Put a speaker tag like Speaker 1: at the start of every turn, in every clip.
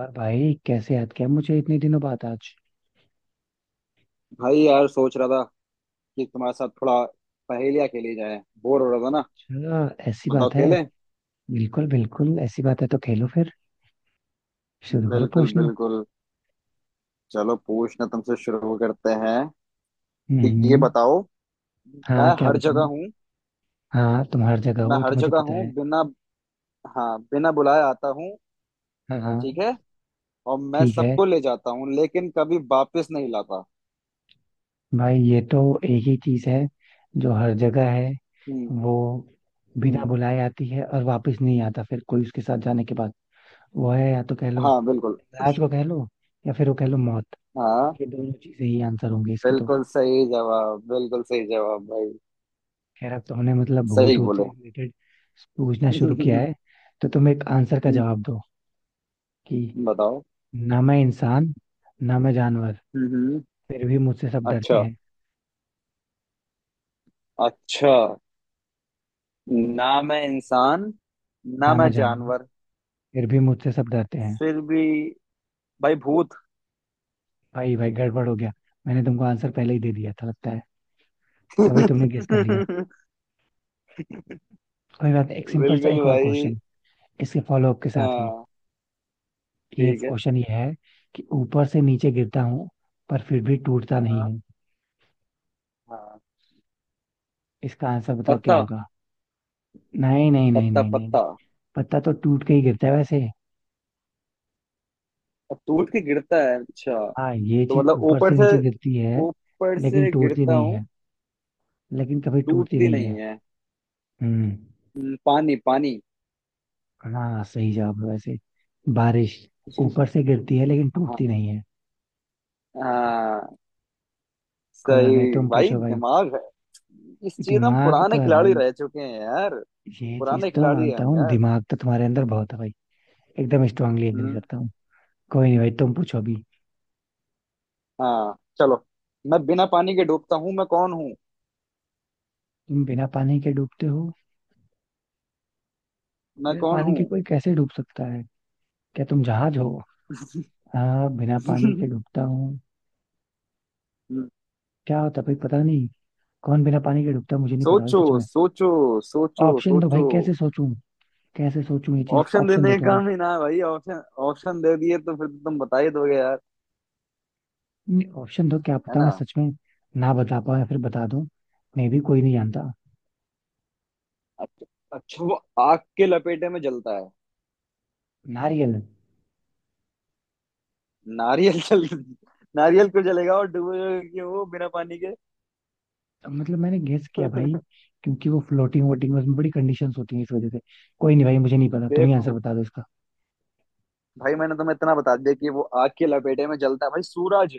Speaker 1: और भाई कैसे याद किया मुझे इतने दिनों बाद आज।
Speaker 2: भाई यार सोच रहा था कि तुम्हारे साथ थोड़ा पहेलियाँ खेली जाए। बोर हो रहा था ना।
Speaker 1: अच्छा ऐसी
Speaker 2: बताओ,
Speaker 1: बात है।
Speaker 2: खेलें?
Speaker 1: बिल्कुल बिल्कुल ऐसी बात है तो खेलो फिर। शुरू करो
Speaker 2: बिल्कुल
Speaker 1: पूछना।
Speaker 2: बिल्कुल। चलो, पूछना तुमसे शुरू करते हैं। तो ये
Speaker 1: हम्म।
Speaker 2: बताओ, मैं
Speaker 1: हाँ क्या
Speaker 2: हर
Speaker 1: बताऊँ।
Speaker 2: जगह हूँ।
Speaker 1: हाँ तुम हर जगह
Speaker 2: मैं
Speaker 1: हो तो
Speaker 2: हर
Speaker 1: मुझे
Speaker 2: जगह
Speaker 1: पता
Speaker 2: हूँ,
Speaker 1: है।
Speaker 2: बिना, हाँ, बिना बुलाए आता हूँ।
Speaker 1: हाँ हाँ।
Speaker 2: ठीक है। और मैं
Speaker 1: ठीक है।
Speaker 2: सबको ले जाता हूँ, लेकिन कभी वापस नहीं लाता।
Speaker 1: भाई ये तो एक ही चीज है जो हर जगह है।
Speaker 2: हम्म
Speaker 1: वो बिना
Speaker 2: हम्म।
Speaker 1: बुलाए आती है और वापस नहीं आता फिर कोई उसके साथ जाने के बाद। वो है या तो कह लो
Speaker 2: हाँ बिल्कुल।
Speaker 1: राज को कह लो या फिर वो कह लो मौत।
Speaker 2: हाँ।
Speaker 1: ये दोनों चीजें ही आंसर होंगे इसकी तो।
Speaker 2: बिल्कुल सही जवाब, बिल्कुल सही जवाब भाई।
Speaker 1: खैर अब तो हमने मतलब भूत
Speaker 2: सही
Speaker 1: भूत से
Speaker 2: बोले।
Speaker 1: रिलेटेड पूछना शुरू किया है। तो तुम एक आंसर का जवाब दो कि
Speaker 2: बताओ।
Speaker 1: ना मैं इंसान ना मैं जानवर
Speaker 2: हम्म हम्म,
Speaker 1: फिर भी मुझसे सब डरते
Speaker 2: अच्छा।
Speaker 1: हैं।
Speaker 2: अच्छा। ना मैं इंसान, ना
Speaker 1: ना मैं
Speaker 2: मैं
Speaker 1: जानवर
Speaker 2: जानवर,
Speaker 1: फिर भी मुझसे सब डरते हैं।
Speaker 2: फिर भी। भाई भूत।
Speaker 1: भाई भाई गड़बड़ हो गया। मैंने तुमको आंसर पहले ही दे दिया था लगता है। तभी तुमने गेस कर लिया।
Speaker 2: बिल्कुल।
Speaker 1: कोई बात नहीं एक सिंपल सा एक और
Speaker 2: भाई
Speaker 1: क्वेश्चन इसके फॉलोअप के साथ ही।
Speaker 2: हाँ,
Speaker 1: ये
Speaker 2: ठीक है।
Speaker 1: क्वेश्चन ये है कि ऊपर से नीचे गिरता हूँ पर फिर भी टूटता नहीं
Speaker 2: हाँ।
Speaker 1: हूँ।
Speaker 2: हाँ।
Speaker 1: इसका आंसर बताओ क्या
Speaker 2: पत्ता।
Speaker 1: होगा। नहीं नहीं नहीं
Speaker 2: पत्ता
Speaker 1: नहीं नहीं नहीं।
Speaker 2: पत्ता।
Speaker 1: पत्ता तो टूट के ही गिरता है वैसे।
Speaker 2: अब टूट के गिरता है, अच्छा।
Speaker 1: हाँ ये
Speaker 2: तो
Speaker 1: चीज
Speaker 2: मतलब
Speaker 1: ऊपर
Speaker 2: ऊपर
Speaker 1: से
Speaker 2: से,
Speaker 1: नीचे गिरती है
Speaker 2: ऊपर
Speaker 1: लेकिन
Speaker 2: से
Speaker 1: टूटती
Speaker 2: गिरता
Speaker 1: नहीं
Speaker 2: हूँ।
Speaker 1: है। लेकिन कभी टूटती
Speaker 2: टूटती
Speaker 1: नहीं है।
Speaker 2: नहीं है।
Speaker 1: हम्म।
Speaker 2: पानी, पानी।
Speaker 1: हाँ सही जवाब है वैसे। बारिश ऊपर से गिरती है लेकिन
Speaker 2: हाँ।
Speaker 1: टूटती नहीं है।
Speaker 2: हाँ।
Speaker 1: कोई बात नहीं
Speaker 2: सही।
Speaker 1: तुम
Speaker 2: भाई
Speaker 1: पूछो भाई।
Speaker 2: दिमाग है, इस चीज हम
Speaker 1: दिमाग तो
Speaker 2: पुराने
Speaker 1: है
Speaker 2: खिलाड़ी
Speaker 1: भाई।
Speaker 2: रह चुके हैं यार।
Speaker 1: ये
Speaker 2: पुराने
Speaker 1: चीज तो मैं
Speaker 2: खिलाड़ी हैं
Speaker 1: मानता
Speaker 2: हम
Speaker 1: हूँ
Speaker 2: यार।
Speaker 1: दिमाग तो तुम्हारे अंदर बहुत है भाई। एकदम स्ट्रांगली एग्री
Speaker 2: हम्म।
Speaker 1: करता हूँ। कोई नहीं भाई तुम पूछो अभी।
Speaker 2: हाँ चलो। मैं बिना पानी के डूबता हूँ, मैं कौन हूँ?
Speaker 1: तुम बिना पानी के डूबते हो।
Speaker 2: मैं
Speaker 1: बिना
Speaker 2: कौन
Speaker 1: पानी के
Speaker 2: हूँ?
Speaker 1: कोई कैसे डूब सकता है। क्या तुम जहाज हो। हाँ बिना पानी के डूबता हूँ।
Speaker 2: हम्म,
Speaker 1: क्या होता भाई पता नहीं। कौन बिना पानी के डूबता मुझे नहीं पता भाई
Speaker 2: सोचो
Speaker 1: सच में।
Speaker 2: सोचो। सोचो
Speaker 1: ऑप्शन दो
Speaker 2: सोचो।
Speaker 1: भाई कैसे सोचूं। कैसे सोचूं ये चीज
Speaker 2: ऑप्शन
Speaker 1: ऑप्शन दो
Speaker 2: देने का
Speaker 1: थोड़ा।
Speaker 2: काम ही ना है भाई ऑप्शन। ऑप्शन दे दिए तो फिर तो तुम बता ही दोगे यार।
Speaker 1: नहीं ऑप्शन दो क्या
Speaker 2: है
Speaker 1: पता मैं
Speaker 2: ना?
Speaker 1: सच में ना बता पाऊं या फिर बता दूं। मे भी कोई नहीं जानता।
Speaker 2: अच्छा। अच्छा, वो आग के लपेटे में जलता है।
Speaker 1: नारियल।
Speaker 2: नारियल? जल, नारियल क्यों जलेगा? और डूबेगा क्यों वो बिना पानी के?
Speaker 1: मतलब मैंने गेस किया भाई क्योंकि वो फ्लोटिंग वोटिंग उसमें बड़ी कंडीशंस होती हैं इस वजह से। कोई नहीं भाई मुझे नहीं पता तुम ही आंसर
Speaker 2: देखो
Speaker 1: बता दो इसका।
Speaker 2: भाई, मैंने तुम्हें इतना बता दिया कि वो आग के लपेटे में जलता है भाई। सूरज।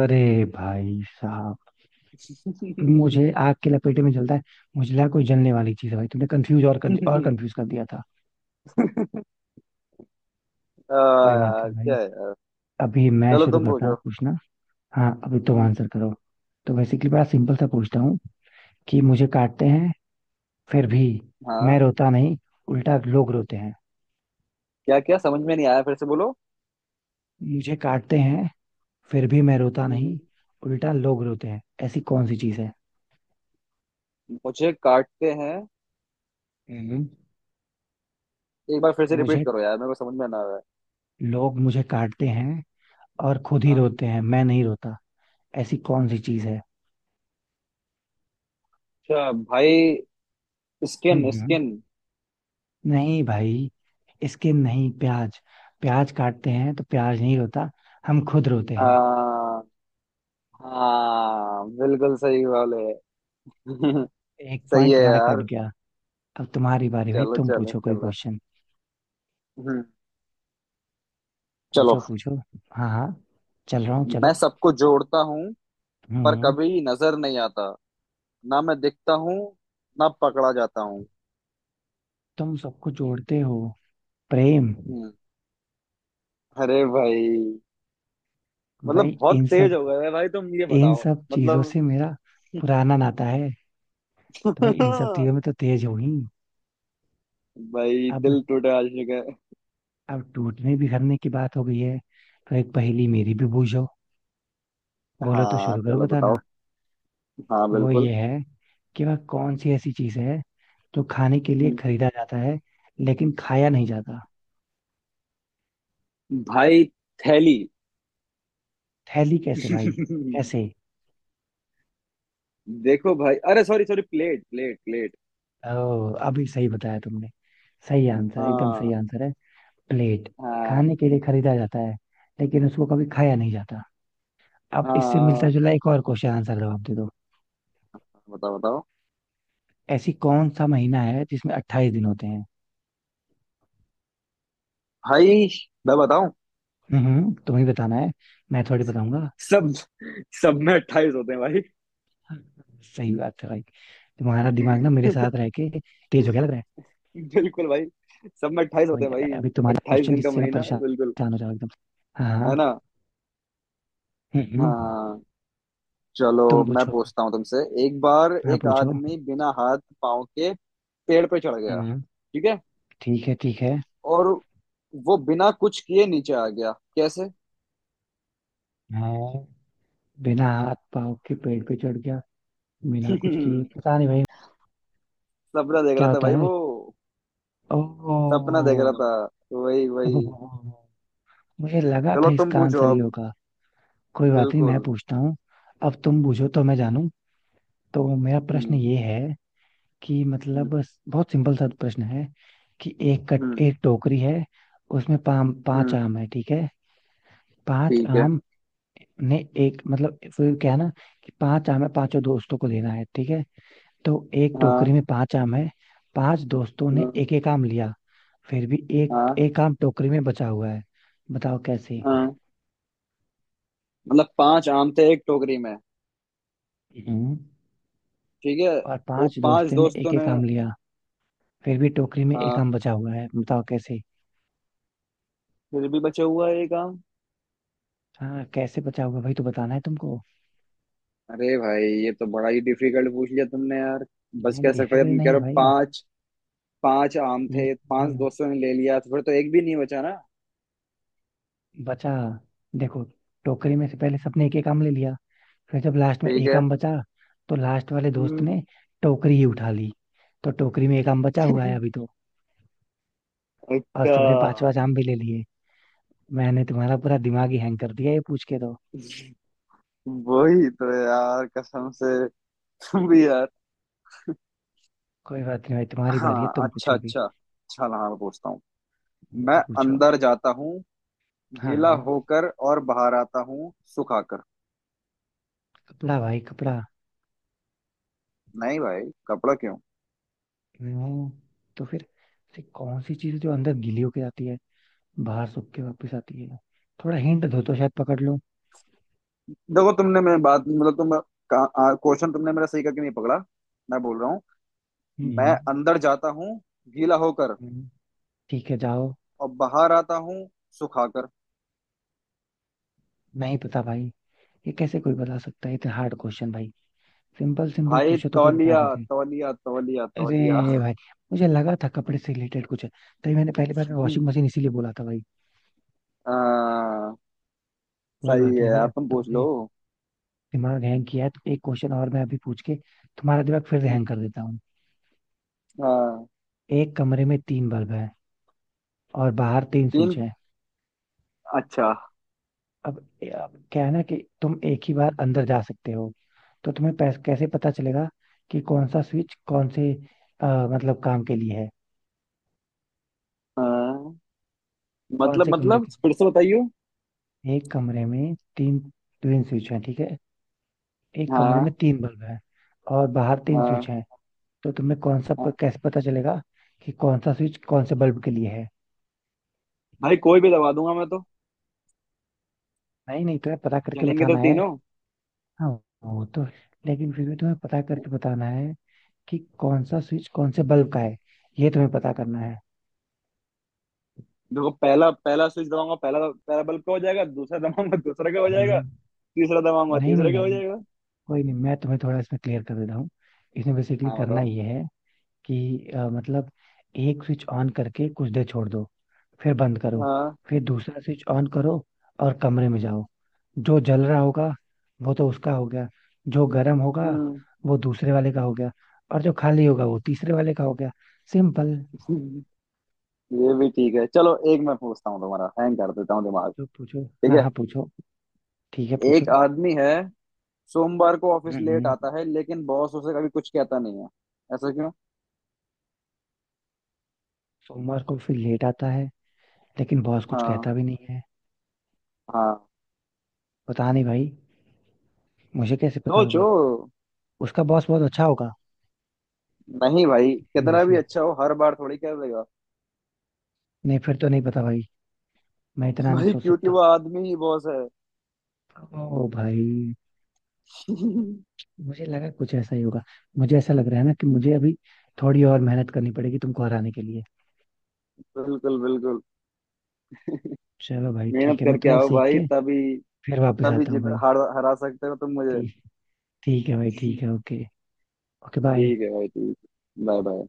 Speaker 1: अरे भाई साहब। मुझे आग के लपेटे में जलता है। मुझे लगा कोई जलने वाली चीज है भाई तुमने कंफ्यूज और कंफ्यूज कर दिया था।
Speaker 2: आ,
Speaker 1: कोई बात नहीं भाई।
Speaker 2: यार क्या।
Speaker 1: अभी मैं
Speaker 2: चलो
Speaker 1: शुरू
Speaker 2: तुम
Speaker 1: करता हूँ
Speaker 2: पूछो।
Speaker 1: पूछना। हाँ अभी तुम
Speaker 2: हम्म,
Speaker 1: आंसर करो। तो बेसिकली बड़ा सिंपल सा पूछता हूँ कि मुझे काटते हैं फिर भी मैं
Speaker 2: हाँ।
Speaker 1: रोता नहीं उल्टा लोग रोते हैं।
Speaker 2: क्या क्या समझ में नहीं आया, फिर से बोलो।
Speaker 1: मुझे काटते हैं फिर भी मैं रोता
Speaker 2: हम्म।
Speaker 1: नहीं उल्टा लोग रोते हैं ऐसी कौन सी चीज़ है।
Speaker 2: मुझे काटते हैं?
Speaker 1: हम्म।
Speaker 2: एक बार फिर से रिपीट
Speaker 1: मुझे
Speaker 2: करो यार, मेरे को समझ में ना आया।
Speaker 1: लोग मुझे काटते हैं और खुद ही
Speaker 2: हाँ।
Speaker 1: रोते हैं मैं नहीं रोता। ऐसी कौन सी चीज़ है।
Speaker 2: अच्छा भाई, स्किन।
Speaker 1: हम्म।
Speaker 2: स्किन?
Speaker 1: नहीं भाई। इसके नहीं प्याज। प्याज काटते हैं तो प्याज नहीं रोता हम खुद रोते हैं।
Speaker 2: आ, हाँ बिल्कुल सही वाले।
Speaker 1: एक
Speaker 2: सही
Speaker 1: पॉइंट
Speaker 2: है
Speaker 1: तुम्हारा कट
Speaker 2: यार।
Speaker 1: गया। अब तुम्हारी बारी भाई
Speaker 2: चलो
Speaker 1: तुम
Speaker 2: चलो
Speaker 1: पूछो कोई
Speaker 2: चलो।
Speaker 1: क्वेश्चन।
Speaker 2: हम्म, चलो।
Speaker 1: पूछो पूछो। हाँ हाँ चल रहा हूँ
Speaker 2: मैं
Speaker 1: चलो।
Speaker 2: सबको जोड़ता हूँ,
Speaker 1: हम्म
Speaker 2: पर
Speaker 1: हम्म।
Speaker 2: कभी नजर नहीं आता। ना मैं दिखता हूँ, ना पकड़ा जाता हूँ।
Speaker 1: तुम सबको जोड़ते हो। प्रेम।
Speaker 2: हम्म, अरे भाई,
Speaker 1: भाई
Speaker 2: मतलब बहुत
Speaker 1: इन
Speaker 2: तेज
Speaker 1: सब
Speaker 2: हो गए है भाई तुम। ये
Speaker 1: इन
Speaker 2: बताओ
Speaker 1: सब चीजों
Speaker 2: मतलब।
Speaker 1: से मेरा पुराना नाता है। तो भाई इन सब
Speaker 2: भाई
Speaker 1: चीजों में तो तेज हो ही। अब।
Speaker 2: दिल टूटे आशिक है।
Speaker 1: अब टूटने बिखरने की बात हो गई है तो एक पहेली मेरी भी बूझो। बोलो तो
Speaker 2: हाँ
Speaker 1: शुरू करो
Speaker 2: चलो
Speaker 1: बताना।
Speaker 2: बताओ। हाँ
Speaker 1: वो
Speaker 2: बिल्कुल।
Speaker 1: ये है कि वह कौन सी ऐसी चीज है जो खाने के लिए
Speaker 2: हम्म,
Speaker 1: खरीदा जाता है लेकिन खाया नहीं जाता।
Speaker 2: भाई, थैली।
Speaker 1: थैली कैसे भाई। कैसे।
Speaker 2: देखो भाई, अरे sorry sorry, plate plate plate.
Speaker 1: ओ अभी सही बताया तुमने। सही आंसर एकदम सही
Speaker 2: हाँ।
Speaker 1: आंसर है। प्लेट।
Speaker 2: हाँ।
Speaker 1: खाने के लिए खरीदा जाता है लेकिन उसको कभी खाया नहीं जाता। अब इससे मिलता
Speaker 2: हाँ
Speaker 1: जुला एक और क्वेश्चन आंसर जवाब दे दो।
Speaker 2: बताओ बताओ।
Speaker 1: ऐसी कौन सा महीना है जिसमें 28 दिन होते हैं।
Speaker 2: भाई, मैं बताऊं?
Speaker 1: तुम्हें बताना है मैं थोड़ी बताऊंगा।
Speaker 2: सब। सब में अट्ठाईस होते हैं भाई।
Speaker 1: सही बात है भाई। तुम्हारा दिमाग ना मेरे साथ रह के तेज हो गया लग रहा है।
Speaker 2: बिल्कुल भाई, सब में अट्ठाईस
Speaker 1: कोई
Speaker 2: होते हैं भाई।
Speaker 1: नहीं अभी तुम्हारा
Speaker 2: अट्ठाईस
Speaker 1: क्वेश्चन
Speaker 2: दिन का
Speaker 1: जिससे मैं
Speaker 2: महीना बिल्कुल।
Speaker 1: परेशान हो जाऊँ एकदम। हाँ हाँ।
Speaker 2: है ना?
Speaker 1: हम्म, हम्म,
Speaker 2: हाँ चलो।
Speaker 1: तुम
Speaker 2: मैं
Speaker 1: पूछो।
Speaker 2: पूछता हूँ तुमसे। एक बार
Speaker 1: हाँ
Speaker 2: एक
Speaker 1: पूछो।
Speaker 2: आदमी बिना हाथ पाँव के पेड़ पे चढ़ गया,
Speaker 1: हम्म।
Speaker 2: ठीक है?
Speaker 1: ठीक है ठीक है।
Speaker 2: और वो बिना कुछ किए नीचे आ गया, कैसे?
Speaker 1: मैं बिना हाथ पाँव के पेड़ पे चढ़ गया बिना कुछ किए पता नहीं भाई मुझे नहीं पता।
Speaker 2: सपना देख रहा
Speaker 1: क्या
Speaker 2: था
Speaker 1: होता
Speaker 2: भाई
Speaker 1: है।
Speaker 2: वो।
Speaker 1: ओ।
Speaker 2: सपना देख रहा था। वही वही।
Speaker 1: मुझे लगा था
Speaker 2: चलो तुम
Speaker 1: इसका
Speaker 2: पूछो
Speaker 1: आंसर ये
Speaker 2: अब।
Speaker 1: होगा। कोई बात नहीं मैं
Speaker 2: बिल्कुल।
Speaker 1: पूछता हूँ। अब तुम पूछो तो मैं जानूं। तो मेरा प्रश्न
Speaker 2: हम्म।
Speaker 1: ये है कि
Speaker 2: हम्म
Speaker 1: मतलब बहुत सिंपल सा प्रश्न है। कि
Speaker 2: हम्म
Speaker 1: एक टोकरी है उसमें पाम पांच
Speaker 2: हम्म,
Speaker 1: आम है ठीक है। पांच
Speaker 2: ठीक है।
Speaker 1: आम ने एक मतलब फिर क्या है ना कि पांच आम है पांचों दोस्तों को देना है ठीक है। तो एक
Speaker 2: हाँ।
Speaker 1: टोकरी में पांच आम है। पांच दोस्तों ने
Speaker 2: हाँ।
Speaker 1: एक एक आम लिया। फिर भी एक
Speaker 2: हाँ।
Speaker 1: एक आम टोकरी में बचा हुआ है बताओ कैसे।
Speaker 2: हाँ। मतलब पांच आम थे एक टोकरी में,
Speaker 1: हम्म।
Speaker 2: ठीक है।
Speaker 1: और
Speaker 2: वो
Speaker 1: पांच
Speaker 2: पांच
Speaker 1: दोस्तों ने
Speaker 2: दोस्तों
Speaker 1: एक
Speaker 2: ने।
Speaker 1: एक आम लिया। फिर भी टोकरी में एक
Speaker 2: हाँ।
Speaker 1: आम बचा हुआ है बताओ कैसे।
Speaker 2: फिर भी बचा हुआ है एक आम?
Speaker 1: हाँ कैसे बचा हुआ भाई तो बताना है तुमको।
Speaker 2: अरे भाई, ये तो बड़ा ही डिफिकल्ट पूछ लिया तुमने यार। बच
Speaker 1: नहीं
Speaker 2: कैसे सकता है,
Speaker 1: डिफिकल्ट
Speaker 2: तुम कह
Speaker 1: नहीं है
Speaker 2: रहे हो
Speaker 1: भाई
Speaker 2: पांच, पांच आम थे,
Speaker 1: इजी
Speaker 2: पांच
Speaker 1: है।
Speaker 2: दोस्तों ने ले लिया, तो फिर तो एक भी नहीं बचा ना।
Speaker 1: बचा। देखो टोकरी में से पहले सबने एक एक आम ले लिया। फिर जब लास्ट में
Speaker 2: ठीक
Speaker 1: एक
Speaker 2: है।
Speaker 1: आम बचा तो लास्ट वाले दोस्त
Speaker 2: हम्म।
Speaker 1: ने टोकरी ही उठा ली। तो टोकरी में एक आम बचा हुआ है अभी तो। और
Speaker 2: अच्छा।
Speaker 1: सबने पांचवा जाम भी ले लिए। मैंने तुम्हारा पूरा दिमाग ही हैंग कर दिया ये पूछ के तो।
Speaker 2: वही तो यार कसम से। तुम भी यार।
Speaker 1: कोई बात नहीं भाई तुम्हारी बारी है
Speaker 2: हाँ
Speaker 1: तुम
Speaker 2: अच्छा
Speaker 1: पूछो भी।
Speaker 2: अच्छा अच्छा, हाँ मैं पूछता हूँ। मैं
Speaker 1: पूछो।
Speaker 2: अंदर जाता हूँ
Speaker 1: हाँ
Speaker 2: गीला
Speaker 1: हाँ।
Speaker 2: होकर और बाहर आता हूँ सुखाकर।
Speaker 1: कपड़ा भाई कपड़ा।
Speaker 2: नहीं भाई, कपड़ा क्यों?
Speaker 1: हम्म, तो फिर ऐसी कौन सी चीज जो अंदर गीली होके जाती है बाहर सूख के वापस आती है। थोड़ा हिंट दो तो शायद पकड़ लूं।
Speaker 2: देखो तुमने मेरी बात, मतलब तुम क्वेश्चन तुमने मेरा सही करके नहीं पकड़ा। मैं बोल रहा हूँ, मैं
Speaker 1: हम्म,
Speaker 2: अंदर जाता हूँ गीला होकर
Speaker 1: हम्म, ठीक है जाओ।
Speaker 2: और बाहर आता हूँ सुखाकर।
Speaker 1: नहीं पता भाई। ये कैसे कोई बता सकता है इतना हार्ड क्वेश्चन भाई। सिंपल सिंपल
Speaker 2: भाई
Speaker 1: पूछो तो कोई बता
Speaker 2: तौलिया,
Speaker 1: भी दे।
Speaker 2: तौलिया तौलिया तौलिया।
Speaker 1: अरे भाई मुझे लगा था कपड़े से रिलेटेड कुछ है। तभी मैंने पहली बार वॉशिंग मशीन इसीलिए बोला था भाई।
Speaker 2: हाँ
Speaker 1: कोई
Speaker 2: सही
Speaker 1: बात नहीं
Speaker 2: है।
Speaker 1: भाई
Speaker 2: आप
Speaker 1: अब
Speaker 2: तुम पूछ
Speaker 1: तुमने
Speaker 2: लो।
Speaker 1: दिमाग हैंग किया है तो एक क्वेश्चन और मैं अभी पूछ के तुम्हारा दिमाग फिर हैंग कर देता हूँ।
Speaker 2: हाँ।
Speaker 1: एक कमरे में तीन बल्ब है और बाहर तीन स्विच
Speaker 2: तीन?
Speaker 1: है।
Speaker 2: अच्छा।
Speaker 1: अब, अब क्या है ना कि तुम एक ही बार अंदर जा सकते हो तो तुम्हें कैसे पता चलेगा कि कौन सा स्विच कौन से अ, मतलब काम के लिए है
Speaker 2: हाँ।
Speaker 1: कौन से
Speaker 2: मतलब,
Speaker 1: कमरे
Speaker 2: मतलब
Speaker 1: के
Speaker 2: फिर से
Speaker 1: लिए?
Speaker 2: बताइयो।
Speaker 1: है? एक कमरे में तीन तीन स्विच है ठीक है। एक कमरे में
Speaker 2: हाँ।
Speaker 1: तीन बल्ब है और बाहर तीन
Speaker 2: हाँ।
Speaker 1: स्विच हैं। तो तुम्हें
Speaker 2: हाँ।
Speaker 1: कैसे पता चलेगा कि कौन सा स्विच कौन से बल्ब के लिए है।
Speaker 2: भाई कोई भी दबा दूंगा मैं तो।
Speaker 1: नहीं नहीं तुम्हें पता करके
Speaker 2: जलेंगे तो
Speaker 1: बताना है।
Speaker 2: तीनों।
Speaker 1: हाँ वो तो लेकिन फिर भी तुम्हें पता करके बताना है कि कौन सा स्विच कौन से बल्ब का है ये तुम्हें पता करना है।
Speaker 2: देखो पहला, पहला स्विच दबाऊंगा, पहला, पहला बल्ब का हो जाएगा। दूसरा दबाऊंगा, दूसरे का हो जाएगा।
Speaker 1: हम्म।
Speaker 2: तीसरा दबाऊंगा,
Speaker 1: नहीं नहीं
Speaker 2: तीसरे का
Speaker 1: नहीं
Speaker 2: हो
Speaker 1: नहीं
Speaker 2: जाएगा।
Speaker 1: कोई नहीं मैं तुम्हें थोड़ा इसमें क्लियर कर देता हूँ। इसमें बेसिकली
Speaker 2: हाँ
Speaker 1: करना
Speaker 2: बताओ।
Speaker 1: ये है कि मतलब एक स्विच ऑन करके कुछ देर छोड़ दो फिर बंद करो।
Speaker 2: हाँ।
Speaker 1: फिर दूसरा स्विच ऑन करो और कमरे में जाओ। जो जल रहा होगा वो तो उसका हो गया। जो गर्म होगा
Speaker 2: हम्म।
Speaker 1: वो दूसरे वाले का हो गया। और जो खाली होगा वो तीसरे वाले का हो गया। सिंपल।
Speaker 2: ये भी ठीक है, चलो एक मैं पूछता हूँ, तुम्हारा हैंग कर देता हूँ दिमाग।
Speaker 1: जो पूछो
Speaker 2: ठीक
Speaker 1: हाँ
Speaker 2: है।
Speaker 1: हाँ पूछो। ठीक है
Speaker 2: एक
Speaker 1: पूछो।
Speaker 2: आदमी है, सोमवार को
Speaker 1: हम्म
Speaker 2: ऑफिस लेट
Speaker 1: हम्म।
Speaker 2: आता है, लेकिन बॉस उसे कभी कुछ कहता नहीं है। ऐसा क्यों?
Speaker 1: सोमवार को फिर लेट आता है लेकिन बॉस कुछ
Speaker 2: हाँ।
Speaker 1: कहता भी नहीं है।
Speaker 2: हाँ।
Speaker 1: पता नहीं भाई मुझे कैसे पता
Speaker 2: सोचो।
Speaker 1: होगा। उसका बॉस बहुत अच्छा होगा
Speaker 2: नहीं भाई,
Speaker 1: इसी वजह
Speaker 2: कितना भी
Speaker 1: से।
Speaker 2: अच्छा हो हर बार थोड़ी कह देगा।
Speaker 1: नहीं फिर तो नहीं पता भाई मैं इतना नहीं
Speaker 2: भाई
Speaker 1: सोच
Speaker 2: क्योंकि वो
Speaker 1: सकता।
Speaker 2: आदमी ही बॉस है।
Speaker 1: ओ भाई मुझे लगा कुछ ऐसा ही होगा। मुझे ऐसा लग रहा है ना कि मुझे अभी थोड़ी और मेहनत करनी पड़ेगी तुमको हराने के लिए।
Speaker 2: बिल्कुल बिल्कुल।
Speaker 1: चलो भाई
Speaker 2: मेहनत
Speaker 1: ठीक है मैं
Speaker 2: करके
Speaker 1: थोड़ा
Speaker 2: आओ
Speaker 1: सीख
Speaker 2: भाई,
Speaker 1: के
Speaker 2: तभी,
Speaker 1: फिर वापस
Speaker 2: तभी
Speaker 1: आता हूँ
Speaker 2: जीत,
Speaker 1: भाई।
Speaker 2: हरा, हरा सकते हो तुम मुझे।
Speaker 1: ठीक ठीक है भाई ठीक है ओके। Okay bye.
Speaker 2: ठीक है भाई ठीक। Bye bye.